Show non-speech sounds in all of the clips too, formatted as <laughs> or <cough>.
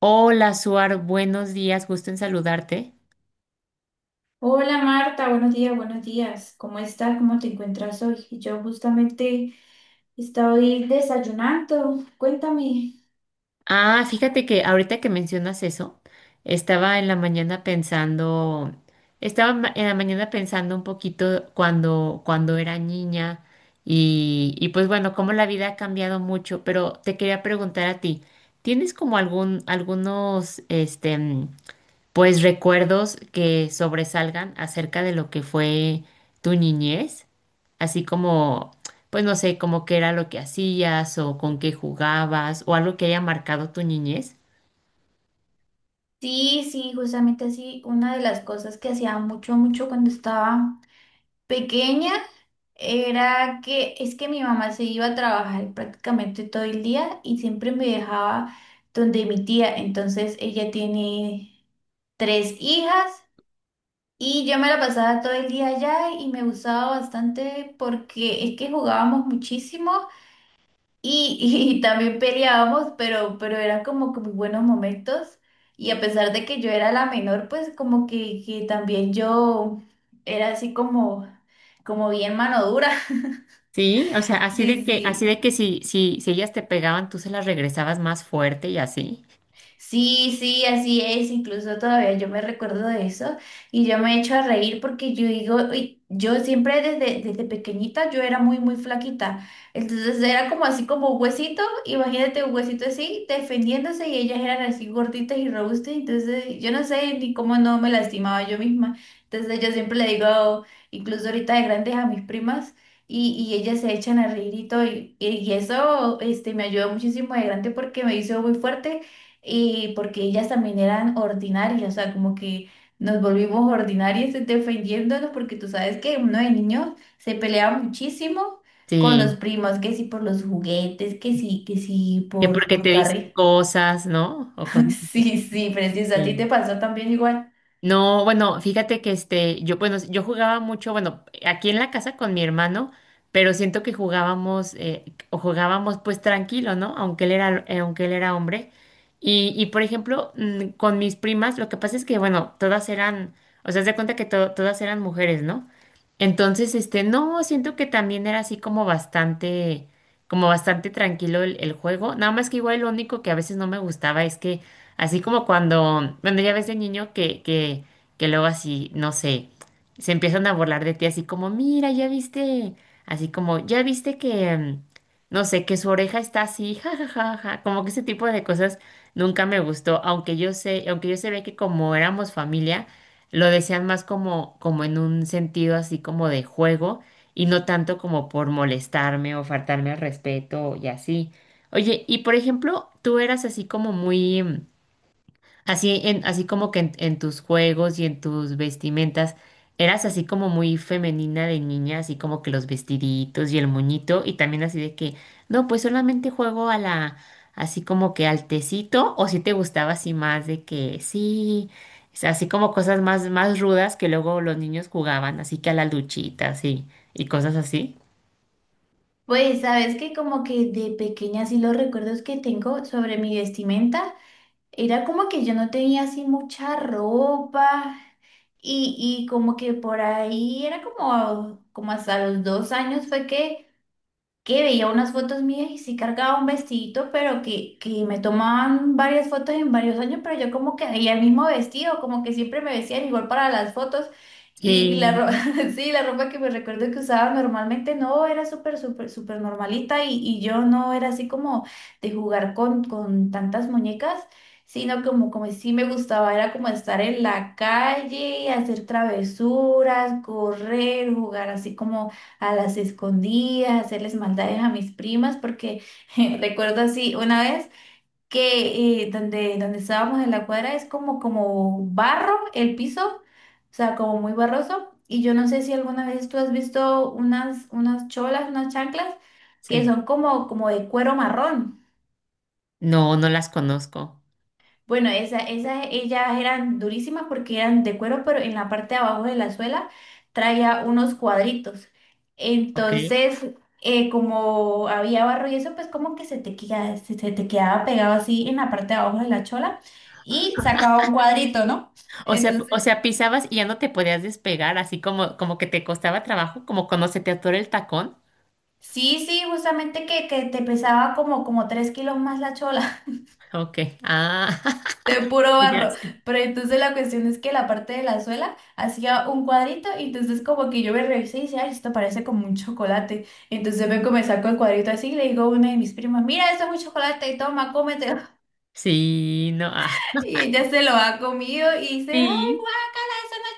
Hola, Suar, buenos días, gusto en saludarte. Hola Marta, buenos días, buenos días. ¿Cómo estás? ¿Cómo te encuentras hoy? Y yo justamente estoy desayunando. Cuéntame. Ah, fíjate que ahorita que mencionas eso, estaba en la mañana pensando, en la mañana pensando un poquito cuando era niña y pues bueno, cómo la vida ha cambiado mucho, pero te quería preguntar a ti, ¿tienes como algún, algunos, pues recuerdos que sobresalgan acerca de lo que fue tu niñez, así como, pues no sé, como qué era lo que hacías o con qué jugabas o algo que haya marcado tu niñez. Sí, sí, justamente así. Una de las cosas que hacía mucho, mucho cuando estaba pequeña era que es que mi mamá se iba a trabajar prácticamente todo el día y siempre me dejaba donde mi tía. Entonces ella tiene tres hijas. Y yo me la pasaba todo el día allá y me gustaba bastante porque es que jugábamos muchísimo y, y también peleábamos, pero eran como que muy buenos momentos. Y a pesar de que yo era la menor, pues como que también yo era así como bien mano dura. <laughs> Sí, o sea, Sí, así sí. de que si ellas te pegaban, tú se las regresabas más fuerte y así. Sí, sí, así es. Incluso todavía yo me recuerdo de eso y yo me echo a reír porque yo digo, "Uy, yo siempre desde pequeñita yo era muy, muy flaquita. Entonces era como así como un huesito, imagínate un huesito así defendiéndose y ellas eran así gorditas y robustas. Entonces yo no sé ni cómo no me lastimaba yo misma. Entonces yo siempre le digo, incluso ahorita de grandes a mis primas. Y ellas se echan a reír y todo, y eso me ayudó muchísimo de grande porque me hizo muy fuerte y porque ellas también eran ordinarias, o sea, como que nos volvimos ordinarias <laughs> defendiéndonos, porque tú sabes que uno de niños se peleaba muchísimo con los Sí, primos, que sí por los juguetes, que sí que por, porque por te dicen carril. cosas, ¿no? O cosas <laughs> Sí, sí, precioso, a ti te así. pasó también igual. No, bueno, fíjate que este, yo, bueno, yo jugaba mucho, bueno, aquí en la casa con mi hermano, pero siento que jugábamos, o jugábamos pues tranquilo, ¿no? Aunque él era hombre. Y por ejemplo, con mis primas, lo que pasa es que, bueno, todas eran, o sea, haz de cuenta que todas eran mujeres, ¿no? Entonces, este, no, siento que también era así como bastante tranquilo el juego. Nada más que igual lo único que a veces no me gustaba es que así como cuando, bueno, ya ves de niño que luego así, no sé, se empiezan a burlar de ti así como, mira, ya viste, así como, ya viste que, no sé, que su oreja está así, ja, ja, ja, ja", como que ese tipo de cosas nunca me gustó, aunque yo sé, aunque yo sabía que como éramos familia, lo decían más como, como en un sentido así como de juego y no tanto como por molestarme o faltarme al respeto y así. Oye, y por ejemplo, tú eras así como muy... Así, en, así como que en tus juegos y en tus vestimentas, eras así como muy femenina de niña, así como que los vestiditos y el moñito, y también así de que, no, pues solamente juego a la, así como que al tecito, o si te gustaba así más de que sí, o sea, así como cosas más, más rudas que luego los niños jugaban, así que a la luchita, así, y cosas así. Pues sabes que como que de pequeña sí los recuerdos que tengo sobre mi vestimenta era como que yo no tenía así mucha ropa y como que por ahí era como, como hasta los 2 años fue que veía unas fotos mías y sí cargaba un vestidito, pero que me tomaban varias fotos en varios años, pero yo como que veía el mismo vestido, como que siempre me vestían igual para las fotos. Y la Sí. ropa, <laughs> sí, la ropa que me recuerdo que usaba normalmente no era súper, súper, súper normalita y yo no era así como de jugar con tantas muñecas, sino como, como sí me gustaba, era como estar en la calle, hacer travesuras, correr, jugar así como a las escondidas, hacerles maldades a mis primas, porque <laughs> recuerdo así una vez que donde estábamos en la cuadra es como, como barro el piso, o sea, como muy barroso. Y yo no sé si alguna vez tú has visto unas cholas, unas chanclas que Sí. son como, como de cuero marrón. No, no las conozco. Bueno, esas ellas eran durísimas porque eran de cuero, pero en la parte de abajo de la suela traía unos cuadritos. Ok. Entonces, como había barro y eso, pues como que se te quedaba pegado así en la parte de abajo de la chola y sacaba un cuadrito, ¿no? O Entonces, sea, pisabas y ya no te podías despegar, así como, como que te costaba trabajo, como cuando se te atora el tacón. sí, sí, justamente que te pesaba como, como 3 kilos más la chola. Ok. Ah, De <laughs> puro ya barro. sé. Pero entonces la cuestión es que la parte de la suela hacía un cuadrito y entonces como que yo me revisé y dije, ay, esto parece como un chocolate. Entonces me comencé con el cuadrito así y le digo a una de mis primas, mira, esto es un chocolate, toma, cómetelo. <laughs> Sí, no. Ah, Y ella se lo ha comido y dice, ay. sí. Eso no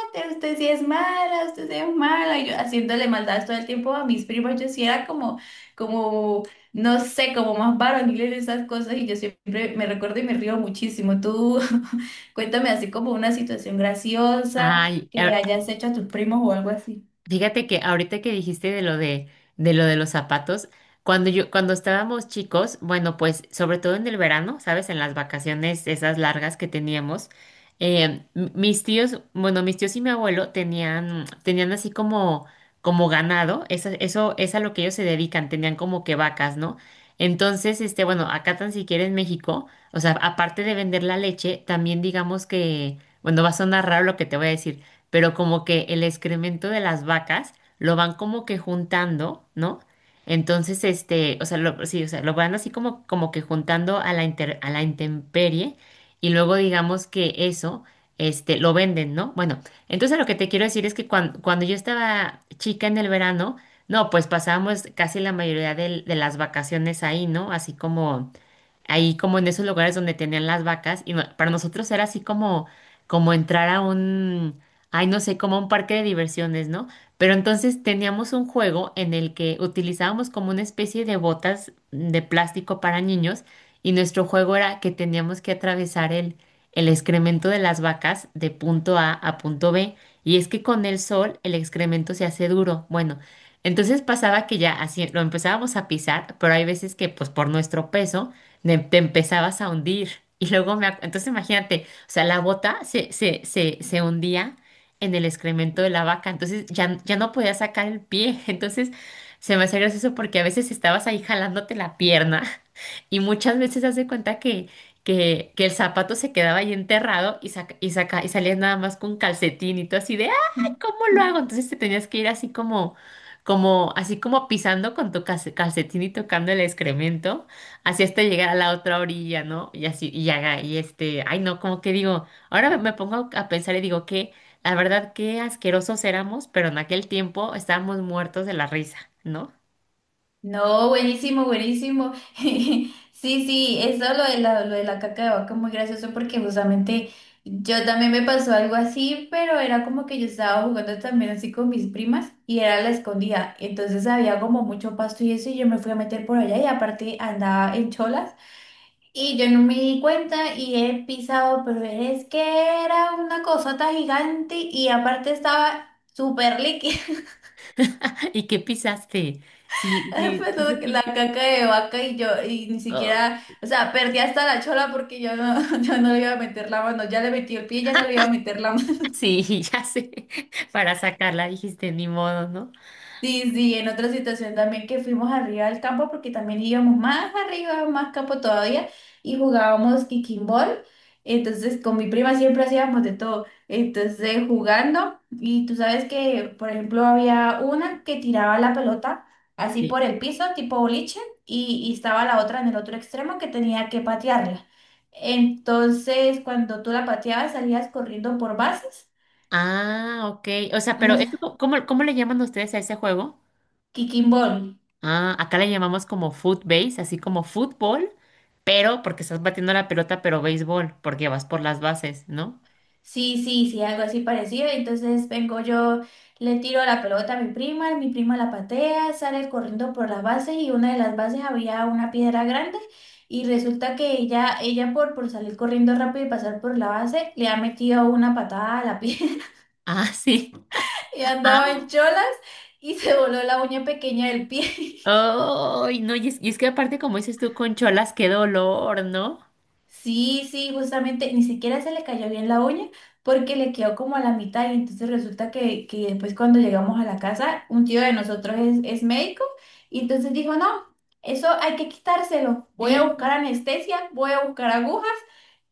es chocolate, usted sí es mala, usted sí es mala. Y yo haciéndole maldad todo el tiempo a mis primos, yo sí era como, no sé, como más varonil en esas cosas y yo siempre me recuerdo y me río muchísimo. Tú <laughs> cuéntame así como una situación graciosa Ay, que le a- hayas hecho a tus primos o algo así. Fíjate que ahorita que dijiste de lo de los zapatos, cuando yo, cuando estábamos chicos, bueno, pues sobre todo en el verano, ¿sabes? En las vacaciones esas largas que teníamos, mis tíos, bueno, mis tíos y mi abuelo tenían así como, como ganado, es a lo que ellos se dedican, tenían como que vacas, ¿no? Entonces, este, bueno, acá tan siquiera en México, o sea, aparte de vender la leche, también digamos que, bueno, va a sonar raro lo que te voy a decir pero como que el excremento de las vacas lo van como que juntando, ¿no? Entonces, este, o sea, lo, sí, o sea, lo van así como, como que juntando a la intemperie y luego digamos que eso, este, lo venden, ¿no? Bueno, entonces lo que te quiero decir es que cuando yo estaba chica en el verano, no, pues pasábamos casi la mayoría de las vacaciones ahí, ¿no? Así como ahí como en esos lugares donde tenían las vacas y para nosotros era así como como entrar a un ay, no sé, como un parque de diversiones, ¿no? Pero entonces teníamos un juego en el que utilizábamos como una especie de botas de plástico para niños y nuestro juego era que teníamos que atravesar el excremento de las vacas de punto A a punto B y es que con el sol el excremento se hace duro. Bueno, entonces pasaba que ya así lo empezábamos a pisar, pero hay veces que pues por nuestro peso te empezabas a hundir. Y luego entonces imagínate, o sea, la bota se hundía en el excremento de la vaca, entonces ya, ya no podía sacar el pie, <laughs> entonces se me hace gracioso porque a veces estabas ahí jalándote la pierna y muchas veces se hace cuenta que el zapato se quedaba ahí enterrado y, saca, y, saca, y salías nada más con calcetín y todo así de, ¡ay, cómo lo <laughs> hago! Entonces te tenías que ir así como, como, así como pisando con tu calcetín y tocando el excremento, así hasta llegar a la otra orilla, ¿no? Y así, y haga, y este, ay no, como que digo, ahora me pongo a pensar y digo que, la verdad, qué asquerosos éramos, pero en aquel tiempo estábamos muertos de la risa, ¿no? No, buenísimo, buenísimo. <laughs> Sí, sí, eso lo de la caca de vaca es muy gracioso porque justamente yo también me pasó algo así, pero era como que yo estaba jugando también así con mis primas y era la escondida. Entonces había como mucho pasto y eso y yo me fui a meter por allá y aparte andaba en cholas y yo no me di cuenta y he pisado, pero es que era una cosota gigante y aparte estaba súper líquida. <laughs> ¿Y qué pisaste? Sí, <laughs> sí, Pues, sí la supiste. caca de vaca y yo, y ni Oh, siquiera, o sea, perdí hasta la chola porque yo no, <laughs> yo no le iba a meter la mano, ya le metí el pie, ya no le iba a meter la mano. sí, <laughs> ya sé. Para sacarla dijiste, ni modo, ¿no? Sí, sí, en otra situación también que fuimos arriba al campo, porque también íbamos más arriba, más campo todavía, y jugábamos kicking ball. Entonces, con mi prima siempre hacíamos de todo. Entonces, jugando, y tú sabes que, por ejemplo, había una que tiraba la pelota así Sí. por el piso, tipo boliche, y estaba la otra en el otro extremo que tenía que patearla. Entonces, cuando tú la pateabas, salías corriendo por bases. Ah, ok. O sea, pero Unas esto, ¿cómo, cómo le llaman ustedes a ese juego? kicking ball. Ah, acá le llamamos como foot base, así como fútbol, pero porque estás batiendo la pelota, pero béisbol, porque vas por las bases, ¿no? Sí, sí, sí, algo así parecido. Entonces vengo yo, le tiro la pelota a mi prima la patea, sale corriendo por las bases y una de las bases había una piedra grande y resulta que ella por salir corriendo rápido y pasar por la base, le ha metido una patada a la piedra <laughs> Ah, sí. <laughs> y Ah. andaba en cholas y se voló la uña pequeña del pie. Ay, no, y es que aparte, como dices tú, con cholas, qué dolor, ¿no? Sí, sí, justamente ni siquiera se le cayó bien la uña porque le quedó como a la mitad y entonces resulta que después cuando llegamos a la casa, un tío de nosotros es médico y entonces dijo, no, eso hay que quitárselo, voy a buscar Sí. anestesia, voy a buscar agujas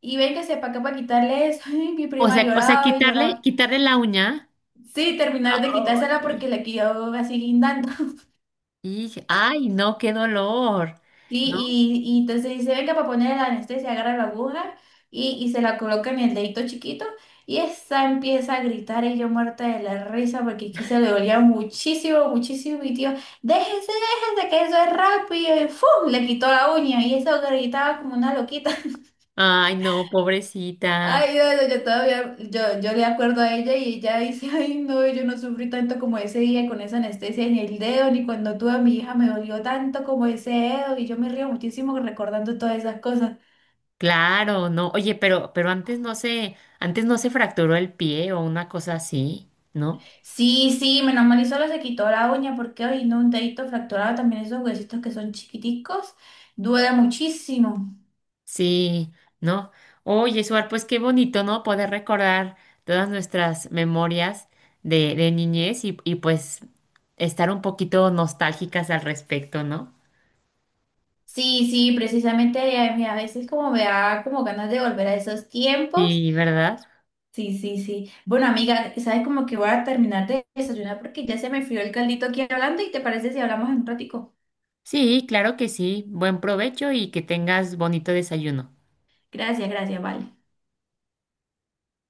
y véngase para acá para quitarle eso. <laughs> Ay, mi prima O sea, lloraba y quitarle, lloraba. quitarle la uña. Sí, terminar de quitársela Ay. porque le quedó así guindando. Y, ay, no, qué dolor, Sí, ¿no? y entonces dice, venga, para poner la anestesia, agarra la aguja y se la coloca en el dedito chiquito y esa empieza a gritar y yo muerta de la risa porque aquí se le dolía muchísimo, muchísimo mi tío, déjese, déjese, que eso es rápido y ¡fum! Le quitó la uña y eso gritaba como una loquita. Ay, no, pobrecita. Ay, no, no, yo todavía, yo le acuerdo a ella y ella dice, ay, no, yo no sufrí tanto como ese día con esa anestesia en el dedo, ni cuando tuve a mi hija me dolió tanto como ese dedo, y yo me río muchísimo recordando todas esas cosas. Claro, no. Oye, pero antes no se fracturó el pie o una cosa así, ¿no? Sí, sí, menos mal y solo se quitó la uña, porque hoy no, un dedito fracturado, también esos huesitos que son chiquiticos, duele muchísimo. Sí, ¿no? Oye, Suar, pues qué bonito, ¿no? Poder recordar todas nuestras memorias de niñez y pues estar un poquito nostálgicas al respecto, ¿no? Sí, sí, precisamente a mí a veces como me da como ganas de volver a esos tiempos. Sí, ¿verdad? Sí, sí, sí. Bueno, amiga, sabes como que voy a terminar de desayunar porque ya se me frió el caldito aquí hablando y te parece si hablamos en un ratico. Sí, claro que sí. Buen provecho y que tengas bonito desayuno. Gracias, gracias, vale.